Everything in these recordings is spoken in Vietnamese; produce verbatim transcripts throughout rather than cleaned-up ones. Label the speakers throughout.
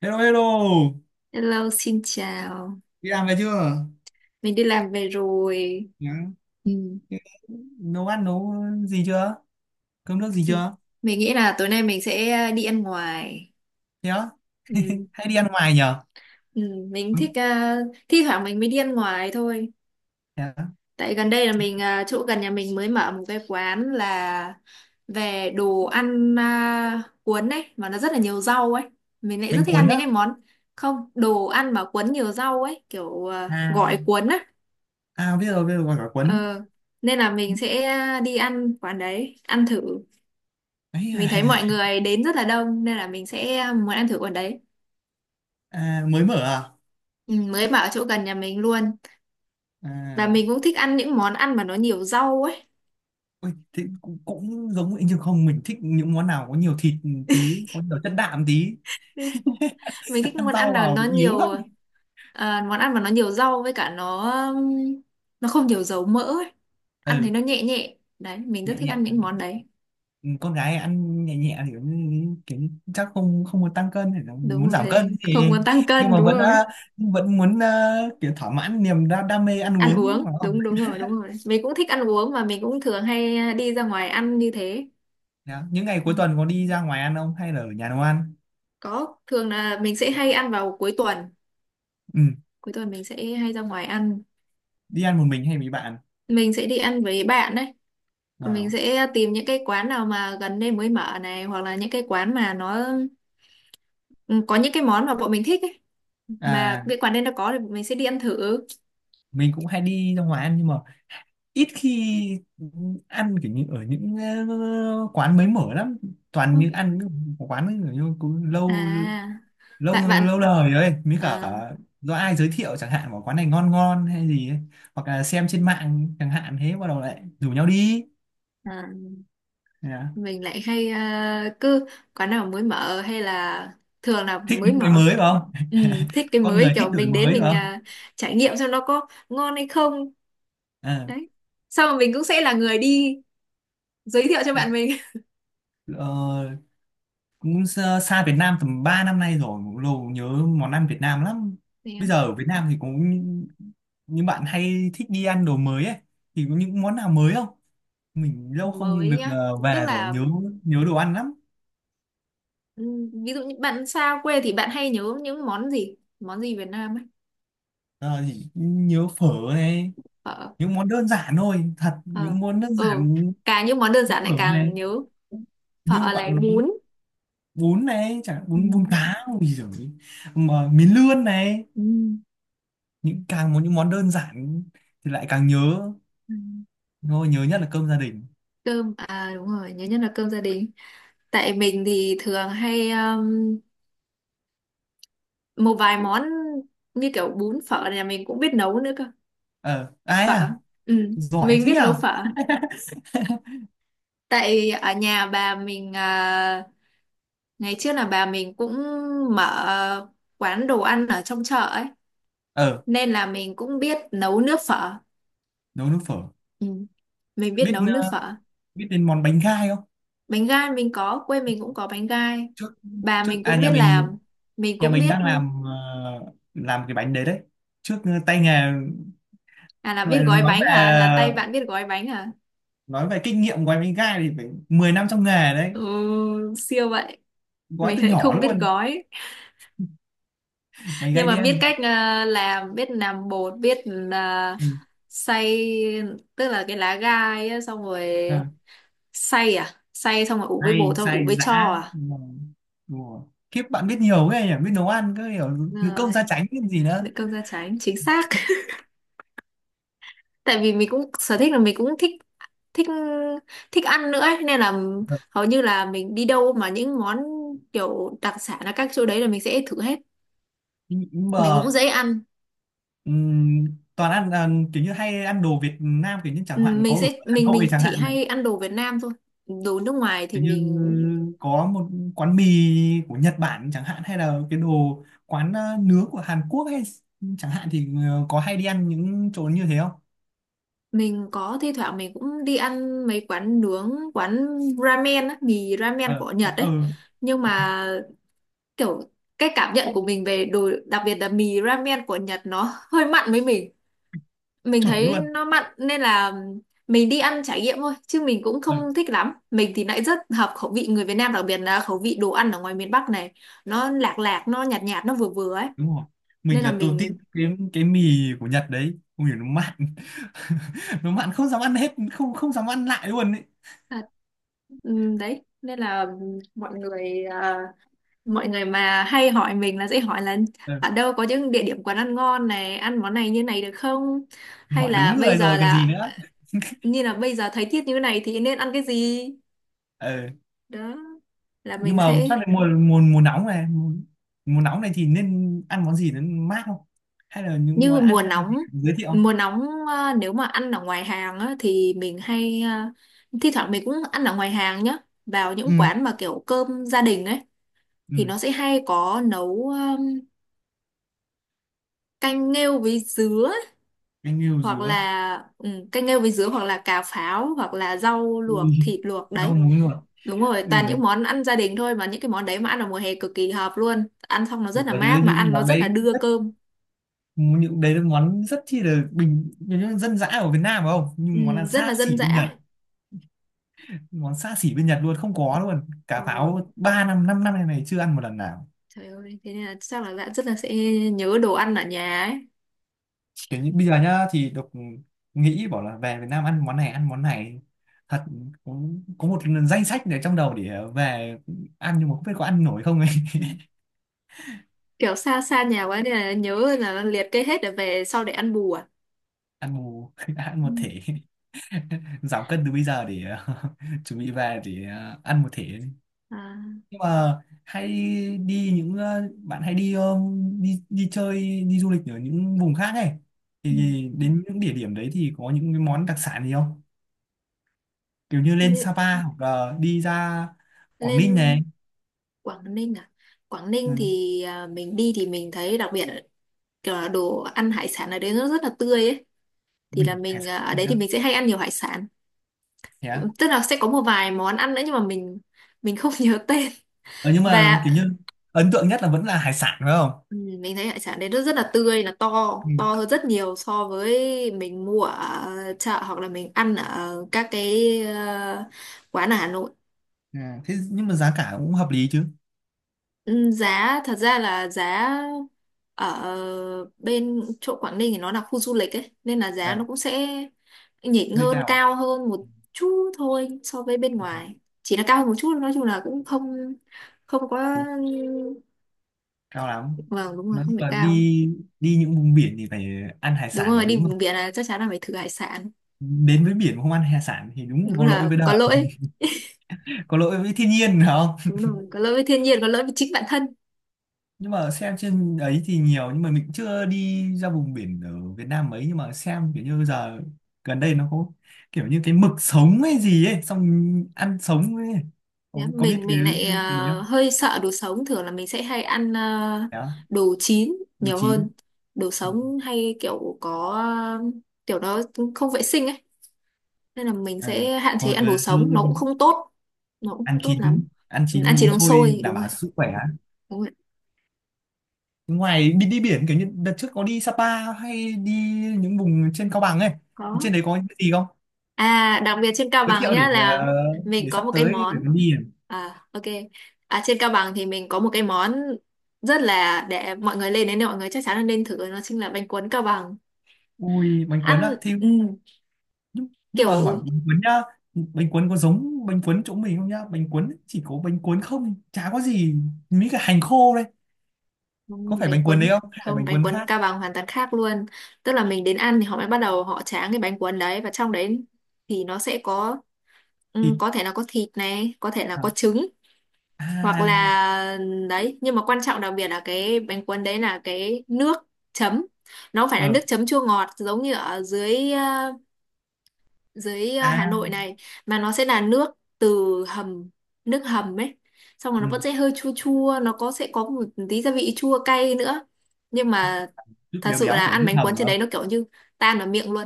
Speaker 1: Hello hello,
Speaker 2: Hello, xin chào.
Speaker 1: đi làm về chưa?
Speaker 2: Mình đi làm về rồi.
Speaker 1: Nhá.
Speaker 2: Ừ.
Speaker 1: Thế. Nấu ăn nấu gì chưa? Cơm nước gì chưa?
Speaker 2: Mình nghĩ là tối nay mình sẽ ờ, đi ăn ngoài.
Speaker 1: Thế á,
Speaker 2: Ừ.
Speaker 1: hay đi ăn ngoài nhở?
Speaker 2: Ừ. Mình
Speaker 1: Ừ.
Speaker 2: thích à, thi thoảng mình mới đi ăn ngoài thôi.
Speaker 1: Thế á.
Speaker 2: Tại gần đây là mình à, chỗ gần nhà mình mới mở một cái quán là về đồ ăn à, cuốn ấy mà nó rất là nhiều rau ấy. Mình lại rất
Speaker 1: Bánh
Speaker 2: thích ăn
Speaker 1: cuốn á?
Speaker 2: những cái món không đồ ăn mà cuốn nhiều rau ấy kiểu à,
Speaker 1: À,
Speaker 2: gỏi cuốn á.
Speaker 1: à biết rồi, biết rồi, gọi cả cuốn.
Speaker 2: Ờ. Nên là mình sẽ ờ, đi ăn quán đấy ăn thử.
Speaker 1: Ấy
Speaker 2: Mình thấy mọi
Speaker 1: à,
Speaker 2: người đến rất là đông nên là mình sẽ muốn ăn thử quán đấy.
Speaker 1: à, mới mở à?
Speaker 2: Ừ, mới bảo chỗ gần nhà mình luôn, và
Speaker 1: À,
Speaker 2: mình cũng thích ăn những món ăn mà nó nhiều rau ấy.
Speaker 1: ôi, thế cũng, cũng giống vậy chứ không mình thích những món nào có nhiều thịt tí, có nhiều chất đạm tí,
Speaker 2: Mình thích
Speaker 1: ăn
Speaker 2: món
Speaker 1: rau
Speaker 2: ăn nào
Speaker 1: vào
Speaker 2: nó
Speaker 1: bị yếu lắm.
Speaker 2: nhiều à, món ăn mà nó nhiều rau với cả nó um, nó không nhiều dầu mỡ ấy. Ăn
Speaker 1: Ừ,
Speaker 2: thấy nó nhẹ nhẹ đấy, mình rất
Speaker 1: nhẹ
Speaker 2: thích
Speaker 1: nhẹ.
Speaker 2: ăn những món đấy.
Speaker 1: Con gái ăn nhẹ nhẹ thì cũng kiểu chắc không không muốn tăng cân thì là
Speaker 2: Đúng
Speaker 1: muốn giảm cân
Speaker 2: rồi,
Speaker 1: thì
Speaker 2: không muốn tăng
Speaker 1: nhưng
Speaker 2: cân,
Speaker 1: mà
Speaker 2: đúng
Speaker 1: vẫn
Speaker 2: rồi.
Speaker 1: à, vẫn muốn à, kiểu thỏa mãn niềm đam, đam mê ăn
Speaker 2: Ăn
Speaker 1: uống
Speaker 2: uống
Speaker 1: phải không?
Speaker 2: đúng, đúng rồi, đúng rồi. Mình cũng thích ăn uống và mình cũng thường hay đi ra ngoài ăn như thế.
Speaker 1: Đó. Những ngày
Speaker 2: Ừ.
Speaker 1: cuối tuần có đi ra ngoài ăn không hay là ở nhà nấu ăn?
Speaker 2: Có, thường là mình sẽ hay ăn vào cuối tuần,
Speaker 1: Ừ,
Speaker 2: cuối tuần mình sẽ hay ra ngoài ăn.
Speaker 1: đi ăn một mình hay với bạn?
Speaker 2: Mình sẽ đi ăn với bạn đấy. Và
Speaker 1: Ờ.
Speaker 2: mình sẽ tìm những cái quán nào mà gần đây mới mở này, hoặc là những cái quán mà nó ừ, có những cái món mà bọn mình thích ấy, mà
Speaker 1: À,
Speaker 2: cái quán đấy nó có thì bọn mình sẽ đi ăn thử.
Speaker 1: mình cũng hay đi ra ngoài ăn nhưng mà ít khi ăn kiểu như ở những ờ, quán mới mở lắm, toàn những ăn những quán ấy kiểu như cũng
Speaker 2: À,
Speaker 1: lâu lâu
Speaker 2: bạn bạn
Speaker 1: lâu đời ấy mới cả
Speaker 2: à,
Speaker 1: do ai giới thiệu chẳng hạn bảo quán này ngon ngon hay gì ấy. Hoặc là xem trên mạng chẳng hạn thế bắt đầu lại rủ nhau đi.
Speaker 2: à,
Speaker 1: Dạ.
Speaker 2: mình lại hay ờ, cứ quán nào mới mở, hay là thường là
Speaker 1: Thích
Speaker 2: mới
Speaker 1: những cái
Speaker 2: mở.
Speaker 1: mới phải không?
Speaker 2: Ừ, thích cái
Speaker 1: Con
Speaker 2: mới,
Speaker 1: người
Speaker 2: kiểu
Speaker 1: thích đổi
Speaker 2: mình đến
Speaker 1: mới phải
Speaker 2: mình
Speaker 1: không?
Speaker 2: à, trải nghiệm xem nó có ngon hay không.
Speaker 1: À,
Speaker 2: Đấy, xong rồi mình cũng sẽ là người đi giới thiệu cho bạn mình.
Speaker 1: ờ, cũng xa xa Việt Nam tầm ba năm nay rồi, lâu nhớ món ăn Việt Nam lắm.
Speaker 2: Thì
Speaker 1: Bây giờ ở Việt Nam thì cũng như bạn hay thích đi ăn đồ mới ấy thì có những món nào mới không? Mình lâu không
Speaker 2: mới
Speaker 1: được
Speaker 2: á,
Speaker 1: ờ,
Speaker 2: tức
Speaker 1: về rồi,
Speaker 2: là
Speaker 1: nhớ nhớ đồ ăn lắm.
Speaker 2: ừm, ví dụ như bạn xa quê thì bạn hay nhớ những món gì, món gì Việt Nam ấy.
Speaker 1: Ờ, thì nhớ phở này,
Speaker 2: Phở.
Speaker 1: những món đơn giản thôi, thật
Speaker 2: Ờ.
Speaker 1: những món đơn
Speaker 2: Ừ.
Speaker 1: giản như
Speaker 2: Càng những món đơn giản lại
Speaker 1: phở này,
Speaker 2: càng nhớ.
Speaker 1: như
Speaker 2: Phở này,
Speaker 1: bạn nói,
Speaker 2: bún.
Speaker 1: bún này chẳng hạn, bún bún
Speaker 2: Ừm.
Speaker 1: cá, ui giời, mà miến lươn này,
Speaker 2: Ừm.
Speaker 1: những càng muốn những món đơn giản thì lại càng nhớ,
Speaker 2: Ừm.
Speaker 1: thôi nhớ nhất là cơm gia đình.
Speaker 2: Cơm à? Đúng rồi, nhớ nhất là cơm gia đình. Tại mình thì thường hay um, một vài món như kiểu bún, phở này là mình cũng biết nấu nữa cơ.
Speaker 1: Ờ, ai
Speaker 2: Phở.
Speaker 1: à,
Speaker 2: Ừ.
Speaker 1: giỏi
Speaker 2: Mình
Speaker 1: thế
Speaker 2: biết nấu
Speaker 1: nhở.
Speaker 2: phở. Tại ở nhà bà mình à, ngày trước là bà mình cũng mở quán đồ ăn ở trong chợ ấy,
Speaker 1: Ờ,
Speaker 2: nên là mình cũng biết nấu nước phở.
Speaker 1: nấu nước phở.
Speaker 2: Ừ, mình biết
Speaker 1: biết
Speaker 2: nấu nước
Speaker 1: ờ,
Speaker 2: phở.
Speaker 1: biết đến món bánh gai không?
Speaker 2: Bánh gai mình có, quê mình cũng có bánh gai.
Speaker 1: trước
Speaker 2: Bà
Speaker 1: trước
Speaker 2: mình
Speaker 1: à,
Speaker 2: cũng
Speaker 1: nhà
Speaker 2: biết
Speaker 1: mình
Speaker 2: làm, mình
Speaker 1: nhà
Speaker 2: cũng
Speaker 1: mình
Speaker 2: biết.
Speaker 1: đang làm ờ, làm cái bánh đấy đấy. Trước ờ, tay nghề.
Speaker 2: À, là
Speaker 1: Vậy
Speaker 2: biết gói
Speaker 1: nói
Speaker 2: bánh
Speaker 1: về
Speaker 2: à? Là tay bạn biết gói bánh à?
Speaker 1: nói về kinh nghiệm của em đánh gai thì phải mười năm trong nghề đấy,
Speaker 2: Ừ, siêu vậy.
Speaker 1: gói
Speaker 2: Mình
Speaker 1: từ
Speaker 2: lại
Speaker 1: nhỏ
Speaker 2: không biết
Speaker 1: luôn,
Speaker 2: gói,
Speaker 1: mày
Speaker 2: nhưng
Speaker 1: gai
Speaker 2: mà biết
Speaker 1: đen.
Speaker 2: cách ờ, làm, biết làm bột, biết uh,
Speaker 1: Ừ.
Speaker 2: xay. Tức là cái lá gai á, xong rồi
Speaker 1: À,
Speaker 2: xay à? Xay xong rồi ủ với
Speaker 1: say
Speaker 2: bột thôi, ủ
Speaker 1: say
Speaker 2: với cho
Speaker 1: dã.
Speaker 2: à?
Speaker 1: Ừ. Ủa. Kiếp bạn biết nhiều ghê nhỉ, biết nấu ăn cứ hiểu
Speaker 2: Đúng
Speaker 1: nữ công
Speaker 2: rồi,
Speaker 1: gia chánh cái gì nữa.
Speaker 2: đựng cơm da trắng, chính xác. Tại vì mình cũng sở thích là mình cũng thích thích thích ăn nữa ấy. Nên là hầu như là mình đi đâu mà những món kiểu đặc sản ở các chỗ đấy là mình sẽ thử hết.
Speaker 1: Ừ. Nhưng
Speaker 2: Mình cũng
Speaker 1: mà
Speaker 2: dễ ăn.
Speaker 1: ừm, toàn ăn à, kiểu như hay ăn đồ Việt Nam kiểu như
Speaker 2: Ừ,
Speaker 1: chẳng hạn có
Speaker 2: Mình
Speaker 1: ở
Speaker 2: sẽ
Speaker 1: Hà
Speaker 2: mình mình
Speaker 1: Nội chẳng
Speaker 2: chỉ
Speaker 1: hạn này,
Speaker 2: hay ăn đồ Việt Nam thôi. Đồ nước ngoài thì
Speaker 1: kiểu như
Speaker 2: mình
Speaker 1: có một quán mì của Nhật Bản chẳng hạn, hay là cái đồ quán à, nướng của Hàn Quốc hay chẳng hạn thì ờ, có hay đi ăn những chỗ như thế không?
Speaker 2: mình có thi thoảng mình cũng đi ăn mấy quán nướng, quán ramen á, mì ramen
Speaker 1: Ờ,
Speaker 2: của
Speaker 1: ờ,
Speaker 2: Nhật
Speaker 1: ờ.
Speaker 2: ấy. Nhưng mà kiểu cái cảm nhận của
Speaker 1: Không.
Speaker 2: mình về đồ, đặc biệt là mì ramen của Nhật, nó hơi mặn với mình. Mình
Speaker 1: Chuẩn
Speaker 2: thấy
Speaker 1: luôn.
Speaker 2: nó mặn nên là mình đi ăn trải nghiệm thôi chứ mình cũng
Speaker 1: Ừ,
Speaker 2: không thích lắm. Mình thì lại rất hợp khẩu vị người Việt Nam, đặc biệt là khẩu vị đồ ăn ở ngoài miền Bắc này. Nó lạc lạc, nó nhạt nhạt, nó vừa vừa ấy,
Speaker 1: đúng rồi.
Speaker 2: nên
Speaker 1: Mình
Speaker 2: là
Speaker 1: lần đầu tiên
Speaker 2: mình
Speaker 1: cái cái mì của Nhật đấy, ui nó mặn nó mặn không dám ăn hết, không không dám ăn lại luôn ấy.
Speaker 2: à, ừm, đấy. Nên là mọi người à, mọi người mà hay hỏi mình là sẽ hỏi là
Speaker 1: Ừ,
Speaker 2: ở đâu có những địa điểm quán ăn ngon này, ăn món này như này được không,
Speaker 1: thì
Speaker 2: hay
Speaker 1: hỏi
Speaker 2: là
Speaker 1: đúng
Speaker 2: bây
Speaker 1: người
Speaker 2: giờ
Speaker 1: rồi còn gì
Speaker 2: là,
Speaker 1: nữa.
Speaker 2: như là bây giờ thấy tiết như thế này thì nên ăn cái gì.
Speaker 1: Ờ,
Speaker 2: Đó là
Speaker 1: nhưng
Speaker 2: mình
Speaker 1: mà
Speaker 2: sẽ.
Speaker 1: chắc là mùa mùa mùa nóng này, mùa, mùa nóng này thì nên ăn món gì nó mát không, hay là những
Speaker 2: Như
Speaker 1: món
Speaker 2: mùa
Speaker 1: ăn ăn
Speaker 2: nóng,
Speaker 1: gì giới thiệu không?
Speaker 2: mùa nóng à, nếu mà ăn ở ngoài hàng á, thì mình hay à, thi thoảng mình cũng ăn ở ngoài hàng nhá, vào
Speaker 1: Ừ,
Speaker 2: những quán mà kiểu cơm gia đình ấy.
Speaker 1: ừ,
Speaker 2: Thì nó sẽ hay có nấu um, canh nghêu với dứa,
Speaker 1: anh yêu
Speaker 2: hoặc
Speaker 1: dứa.
Speaker 2: là ừ, canh nghêu với dứa, hoặc là cà pháo, hoặc là rau luộc,
Speaker 1: Ui,
Speaker 2: thịt luộc
Speaker 1: đau
Speaker 2: đấy.
Speaker 1: muốn rồi.
Speaker 2: Đúng rồi,
Speaker 1: Ui,
Speaker 2: toàn những món ăn gia đình thôi, mà những cái món đấy mà ăn vào mùa hè cực kỳ hợp luôn, ăn xong nó
Speaker 1: đùa
Speaker 2: rất là
Speaker 1: chứ
Speaker 2: mát, mà
Speaker 1: những
Speaker 2: ăn nó
Speaker 1: món
Speaker 2: rất là
Speaker 1: đấy,
Speaker 2: đưa cơm.
Speaker 1: những đấy là món rất chi là bình, những dân dã ở Việt Nam phải không,
Speaker 2: Ừ,
Speaker 1: nhưng món là
Speaker 2: rất
Speaker 1: xa
Speaker 2: là dân
Speaker 1: xỉ bên Nhật,
Speaker 2: dã.
Speaker 1: món xa xỉ bên Nhật luôn không có luôn, cả
Speaker 2: Ồ,
Speaker 1: pháo ba năm 5 năm này này chưa ăn một lần nào.
Speaker 2: trời ơi, thế nên là chắc là bạn rất là sẽ nhớ đồ ăn ở nhà ấy.
Speaker 1: Kiểu như bây giờ nhá thì độc nghĩ bảo là về Việt Nam ăn món này ăn món này thật, cũng có một danh sách để trong đầu để về ăn nhưng mà không biết có ăn nổi không ấy.
Speaker 2: Kiểu xa xa nhà quá nên là nhớ là liệt kê hết để về sau để ăn bù à?
Speaker 1: ăn một ăn
Speaker 2: Ừ.
Speaker 1: một thể. Giảm cân từ bây giờ để chuẩn bị về để ờ, ăn một thể.
Speaker 2: À,
Speaker 1: Nhưng mà hay đi những ờ, bạn hay đi ờ, đi đi chơi đi du lịch ở những vùng khác ấy
Speaker 2: ừ.
Speaker 1: thì, đến những địa điểm đấy thì có những cái món đặc sản gì không, kiểu như lên
Speaker 2: Như,
Speaker 1: Sapa hoặc là đi ra Quảng
Speaker 2: lên
Speaker 1: Ninh này?
Speaker 2: Quảng Ninh à? Quảng
Speaker 1: Ừ.
Speaker 2: Ninh thì à, mình đi thì mình thấy đặc biệt kiểu là đồ ăn hải sản ở đấy nó rất là tươi ấy. Thì là
Speaker 1: Ui hải
Speaker 2: mình
Speaker 1: sản
Speaker 2: à, ở đấy thì
Speaker 1: nữa,
Speaker 2: mình sẽ hay ăn nhiều hải sản.
Speaker 1: thế á?
Speaker 2: Tức là sẽ có một vài món ăn nữa nhưng mà mình mình không nhớ tên.
Speaker 1: Ờ, nhưng mà
Speaker 2: Và
Speaker 1: kiểu như ấn tượng nhất là vẫn là hải sản phải không?
Speaker 2: ừ, mình thấy hải sản đấy nó rất là tươi, là to
Speaker 1: Ừ.
Speaker 2: to hơn rất nhiều so với mình mua ở chợ hoặc là mình ăn ở các cái ờ, quán ở Hà Nội.
Speaker 1: À, thế nhưng mà giá cả cũng hợp lý chứ?
Speaker 2: Ừ, giá thật ra là giá ở bên chỗ Quảng Ninh thì nó là khu du lịch ấy, nên là giá nó
Speaker 1: À,
Speaker 2: cũng sẽ nhỉnh
Speaker 1: hơi
Speaker 2: hơn,
Speaker 1: cao à?
Speaker 2: cao hơn một
Speaker 1: Ừ,
Speaker 2: chút thôi so với bên
Speaker 1: ừ,
Speaker 2: ngoài. Chỉ là cao hơn một chút, nói chung là cũng không không quá.
Speaker 1: đúng cao lắm.
Speaker 2: Vâng, đúng rồi,
Speaker 1: Nói chung
Speaker 2: không phải
Speaker 1: là
Speaker 2: cao.
Speaker 1: đi đi những vùng biển thì phải ăn hải
Speaker 2: Đúng
Speaker 1: sản
Speaker 2: rồi,
Speaker 1: là
Speaker 2: đi
Speaker 1: đúng rồi.
Speaker 2: vùng biển là chắc chắn là phải thử hải sản.
Speaker 1: Đến với biển mà không ăn hải sản thì đúng
Speaker 2: Đúng
Speaker 1: có lỗi
Speaker 2: là
Speaker 1: với
Speaker 2: có
Speaker 1: đời,
Speaker 2: lỗi.
Speaker 1: có lỗi với thiên nhiên phải không?
Speaker 2: Đúng rồi, có lỗi với thiên nhiên, có lỗi với chính bản thân.
Speaker 1: Nhưng mà xem trên ấy thì nhiều, nhưng mà mình chưa đi ra vùng biển ở Việt Nam mấy, nhưng mà xem kiểu như giờ gần đây nó có kiểu như cái mực sống hay gì ấy, xong ăn sống ấy, có,
Speaker 2: Dạ,
Speaker 1: có biết
Speaker 2: mình
Speaker 1: cái,
Speaker 2: mình lại
Speaker 1: cái đấy
Speaker 2: ờ,
Speaker 1: không?
Speaker 2: hơi sợ đồ sống, thường là mình sẽ hay ăn ờ,
Speaker 1: Đó.
Speaker 2: đồ chín
Speaker 1: Đồ
Speaker 2: nhiều
Speaker 1: chín.
Speaker 2: hơn. Đồ sống hay kiểu có ờ, kiểu nó không vệ sinh ấy, nên là mình
Speaker 1: À,
Speaker 2: sẽ hạn chế
Speaker 1: thôi
Speaker 2: ăn
Speaker 1: cứ
Speaker 2: đồ sống, nó cũng không tốt, nó cũng không
Speaker 1: ăn
Speaker 2: tốt lắm.
Speaker 1: chín, ăn
Speaker 2: Ừ, ăn
Speaker 1: chín
Speaker 2: chỉ
Speaker 1: uống
Speaker 2: uống
Speaker 1: sôi
Speaker 2: sôi,
Speaker 1: đảm
Speaker 2: đúng rồi.
Speaker 1: bảo sức khỏe.
Speaker 2: Đúng rồi,
Speaker 1: Ngoài đi đi biển kiểu như đợt trước có đi Sapa hay đi những vùng trên Cao Bằng ấy,
Speaker 2: có.
Speaker 1: trên đấy có những cái gì không,
Speaker 2: À, đặc biệt trên Cao
Speaker 1: giới
Speaker 2: Bằng
Speaker 1: thiệu để
Speaker 2: nhá, là
Speaker 1: ờ,
Speaker 2: mình
Speaker 1: để
Speaker 2: có
Speaker 1: sắp
Speaker 2: một cái
Speaker 1: tới
Speaker 2: món.
Speaker 1: để mình đi.
Speaker 2: À, ok. À, trên Cao Bằng thì mình có một cái món rất là, để mọi người lên đến đây mọi người chắc chắn là nên thử, nó chính là bánh cuốn Cao Bằng.
Speaker 1: Ui bánh cuốn
Speaker 2: Ăn.
Speaker 1: á thì,
Speaker 2: Ừ,
Speaker 1: nhưng, nhưng mà hỏi
Speaker 2: kiểu.
Speaker 1: bánh cuốn nhá, bánh cuốn có giống bánh cuốn chỗ mình không nhá, bánh cuốn chỉ có bánh cuốn không, chả có gì mấy cái hành khô đây,
Speaker 2: Ừ,
Speaker 1: có phải
Speaker 2: bánh
Speaker 1: bánh cuốn đấy
Speaker 2: cuốn
Speaker 1: không hay là
Speaker 2: không,
Speaker 1: bánh
Speaker 2: bánh
Speaker 1: cuốn
Speaker 2: cuốn
Speaker 1: khác?
Speaker 2: Cao Bằng hoàn toàn khác luôn. Tức là mình đến ăn thì họ mới bắt đầu họ tráng cái bánh cuốn đấy, và trong đấy thì nó sẽ có, ừ,
Speaker 1: Thịt.
Speaker 2: có thể là có thịt này, có thể là có
Speaker 1: À.
Speaker 2: trứng, hoặc
Speaker 1: À.
Speaker 2: là đấy. Nhưng mà quan trọng đặc biệt là cái bánh cuốn đấy là cái nước chấm, nó không phải là nước
Speaker 1: Ờ.
Speaker 2: chấm chua ngọt giống như ở dưới, dưới ờ, Hà Nội
Speaker 1: À.
Speaker 2: này, mà nó sẽ là nước từ hầm, nước hầm ấy. Xong rồi nó vẫn
Speaker 1: Ừ,
Speaker 2: sẽ hơi chua chua, nó có sẽ có một tí gia vị chua cay nữa, nhưng mà
Speaker 1: nước
Speaker 2: thật
Speaker 1: béo
Speaker 2: sự
Speaker 1: béo
Speaker 2: là
Speaker 1: của
Speaker 2: ăn
Speaker 1: nước
Speaker 2: bánh
Speaker 1: hầm
Speaker 2: cuốn trên
Speaker 1: phải
Speaker 2: đấy
Speaker 1: không?
Speaker 2: nó kiểu như tan vào miệng luôn,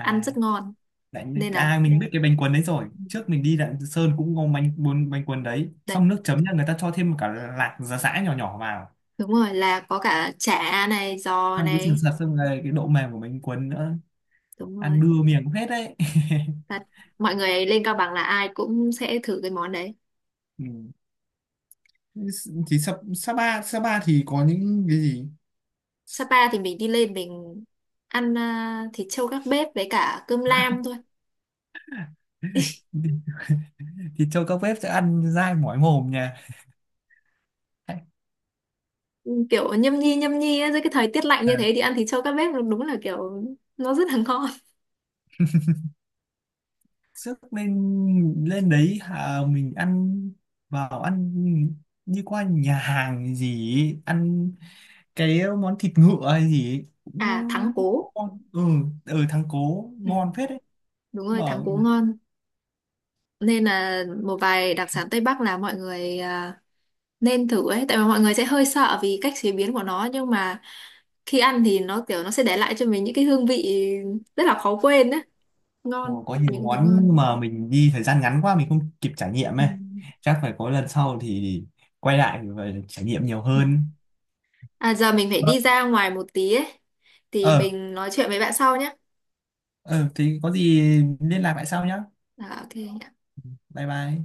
Speaker 2: ăn rất ngon.
Speaker 1: Đấy.
Speaker 2: Nên
Speaker 1: À,
Speaker 2: là
Speaker 1: mình biết cái bánh cuốn đấy rồi, trước mình đi Lạng Sơn cũng ngon, bánh cuốn bánh cuốn đấy
Speaker 2: đấy.
Speaker 1: xong nước chấm nha người ta cho thêm cả lạc giá sã nhỏ nhỏ vào,
Speaker 2: Đúng rồi, là có cả chả này, giò
Speaker 1: ăn cái sườn
Speaker 2: này.
Speaker 1: sạt xong rồi cái độ mềm của bánh cuốn nữa,
Speaker 2: Đúng
Speaker 1: ăn
Speaker 2: rồi.
Speaker 1: đưa miệng cũng hết đấy.
Speaker 2: Thật, mọi người lên Cao Bằng là ai cũng sẽ thử cái món đấy.
Speaker 1: Ừ. Thì Sa Sapa Sapa thì có những cái gì?
Speaker 2: Sapa thì mình đi lên mình ăn à, thịt trâu gác bếp với cả cơm lam thôi.
Speaker 1: Thì cho các bếp sẽ ăn dai mỏi mồm nha.
Speaker 2: Kiểu nhâm nhi nhâm nhi á, dưới cái thời tiết lạnh
Speaker 1: Ờ,
Speaker 2: như thế thì ăn thịt trâu các bếp đúng là kiểu nó rất là ngon.
Speaker 1: sức lên lên đấy à mình ăn vào ăn đi qua nhà hàng gì ấy, ăn cái món thịt ngựa hay gì ấy, cũng
Speaker 2: À, thắng cố.
Speaker 1: ngon. Ừ, ở thắng cố
Speaker 2: Ừ,
Speaker 1: ngon phết đấy
Speaker 2: đúng rồi,
Speaker 1: mà.
Speaker 2: thắng cố ngon. Nên là một vài đặc sản Tây Bắc là mọi người à, nên thử ấy, tại vì mọi người sẽ hơi sợ vì cách chế biến của nó, nhưng mà khi ăn thì nó kiểu nó sẽ để lại cho mình những cái hương vị rất là khó quên ấy,
Speaker 1: Ồ,
Speaker 2: ngon,
Speaker 1: có
Speaker 2: mình
Speaker 1: nhiều
Speaker 2: cũng thấy
Speaker 1: món
Speaker 2: ngon.
Speaker 1: mà mình đi thời gian ngắn quá mình không kịp trải nghiệm
Speaker 2: Ừ.
Speaker 1: ấy, chắc phải có lần sau thì quay lại và trải nghiệm nhiều hơn.
Speaker 2: À, giờ mình phải
Speaker 1: Ờ,
Speaker 2: đi ra ngoài một tí ấy, thì
Speaker 1: ờ,
Speaker 2: mình nói chuyện với bạn sau nhé.
Speaker 1: ờ, thì có gì liên lạc lại sau nhá.
Speaker 2: À, ok.
Speaker 1: Bye bye.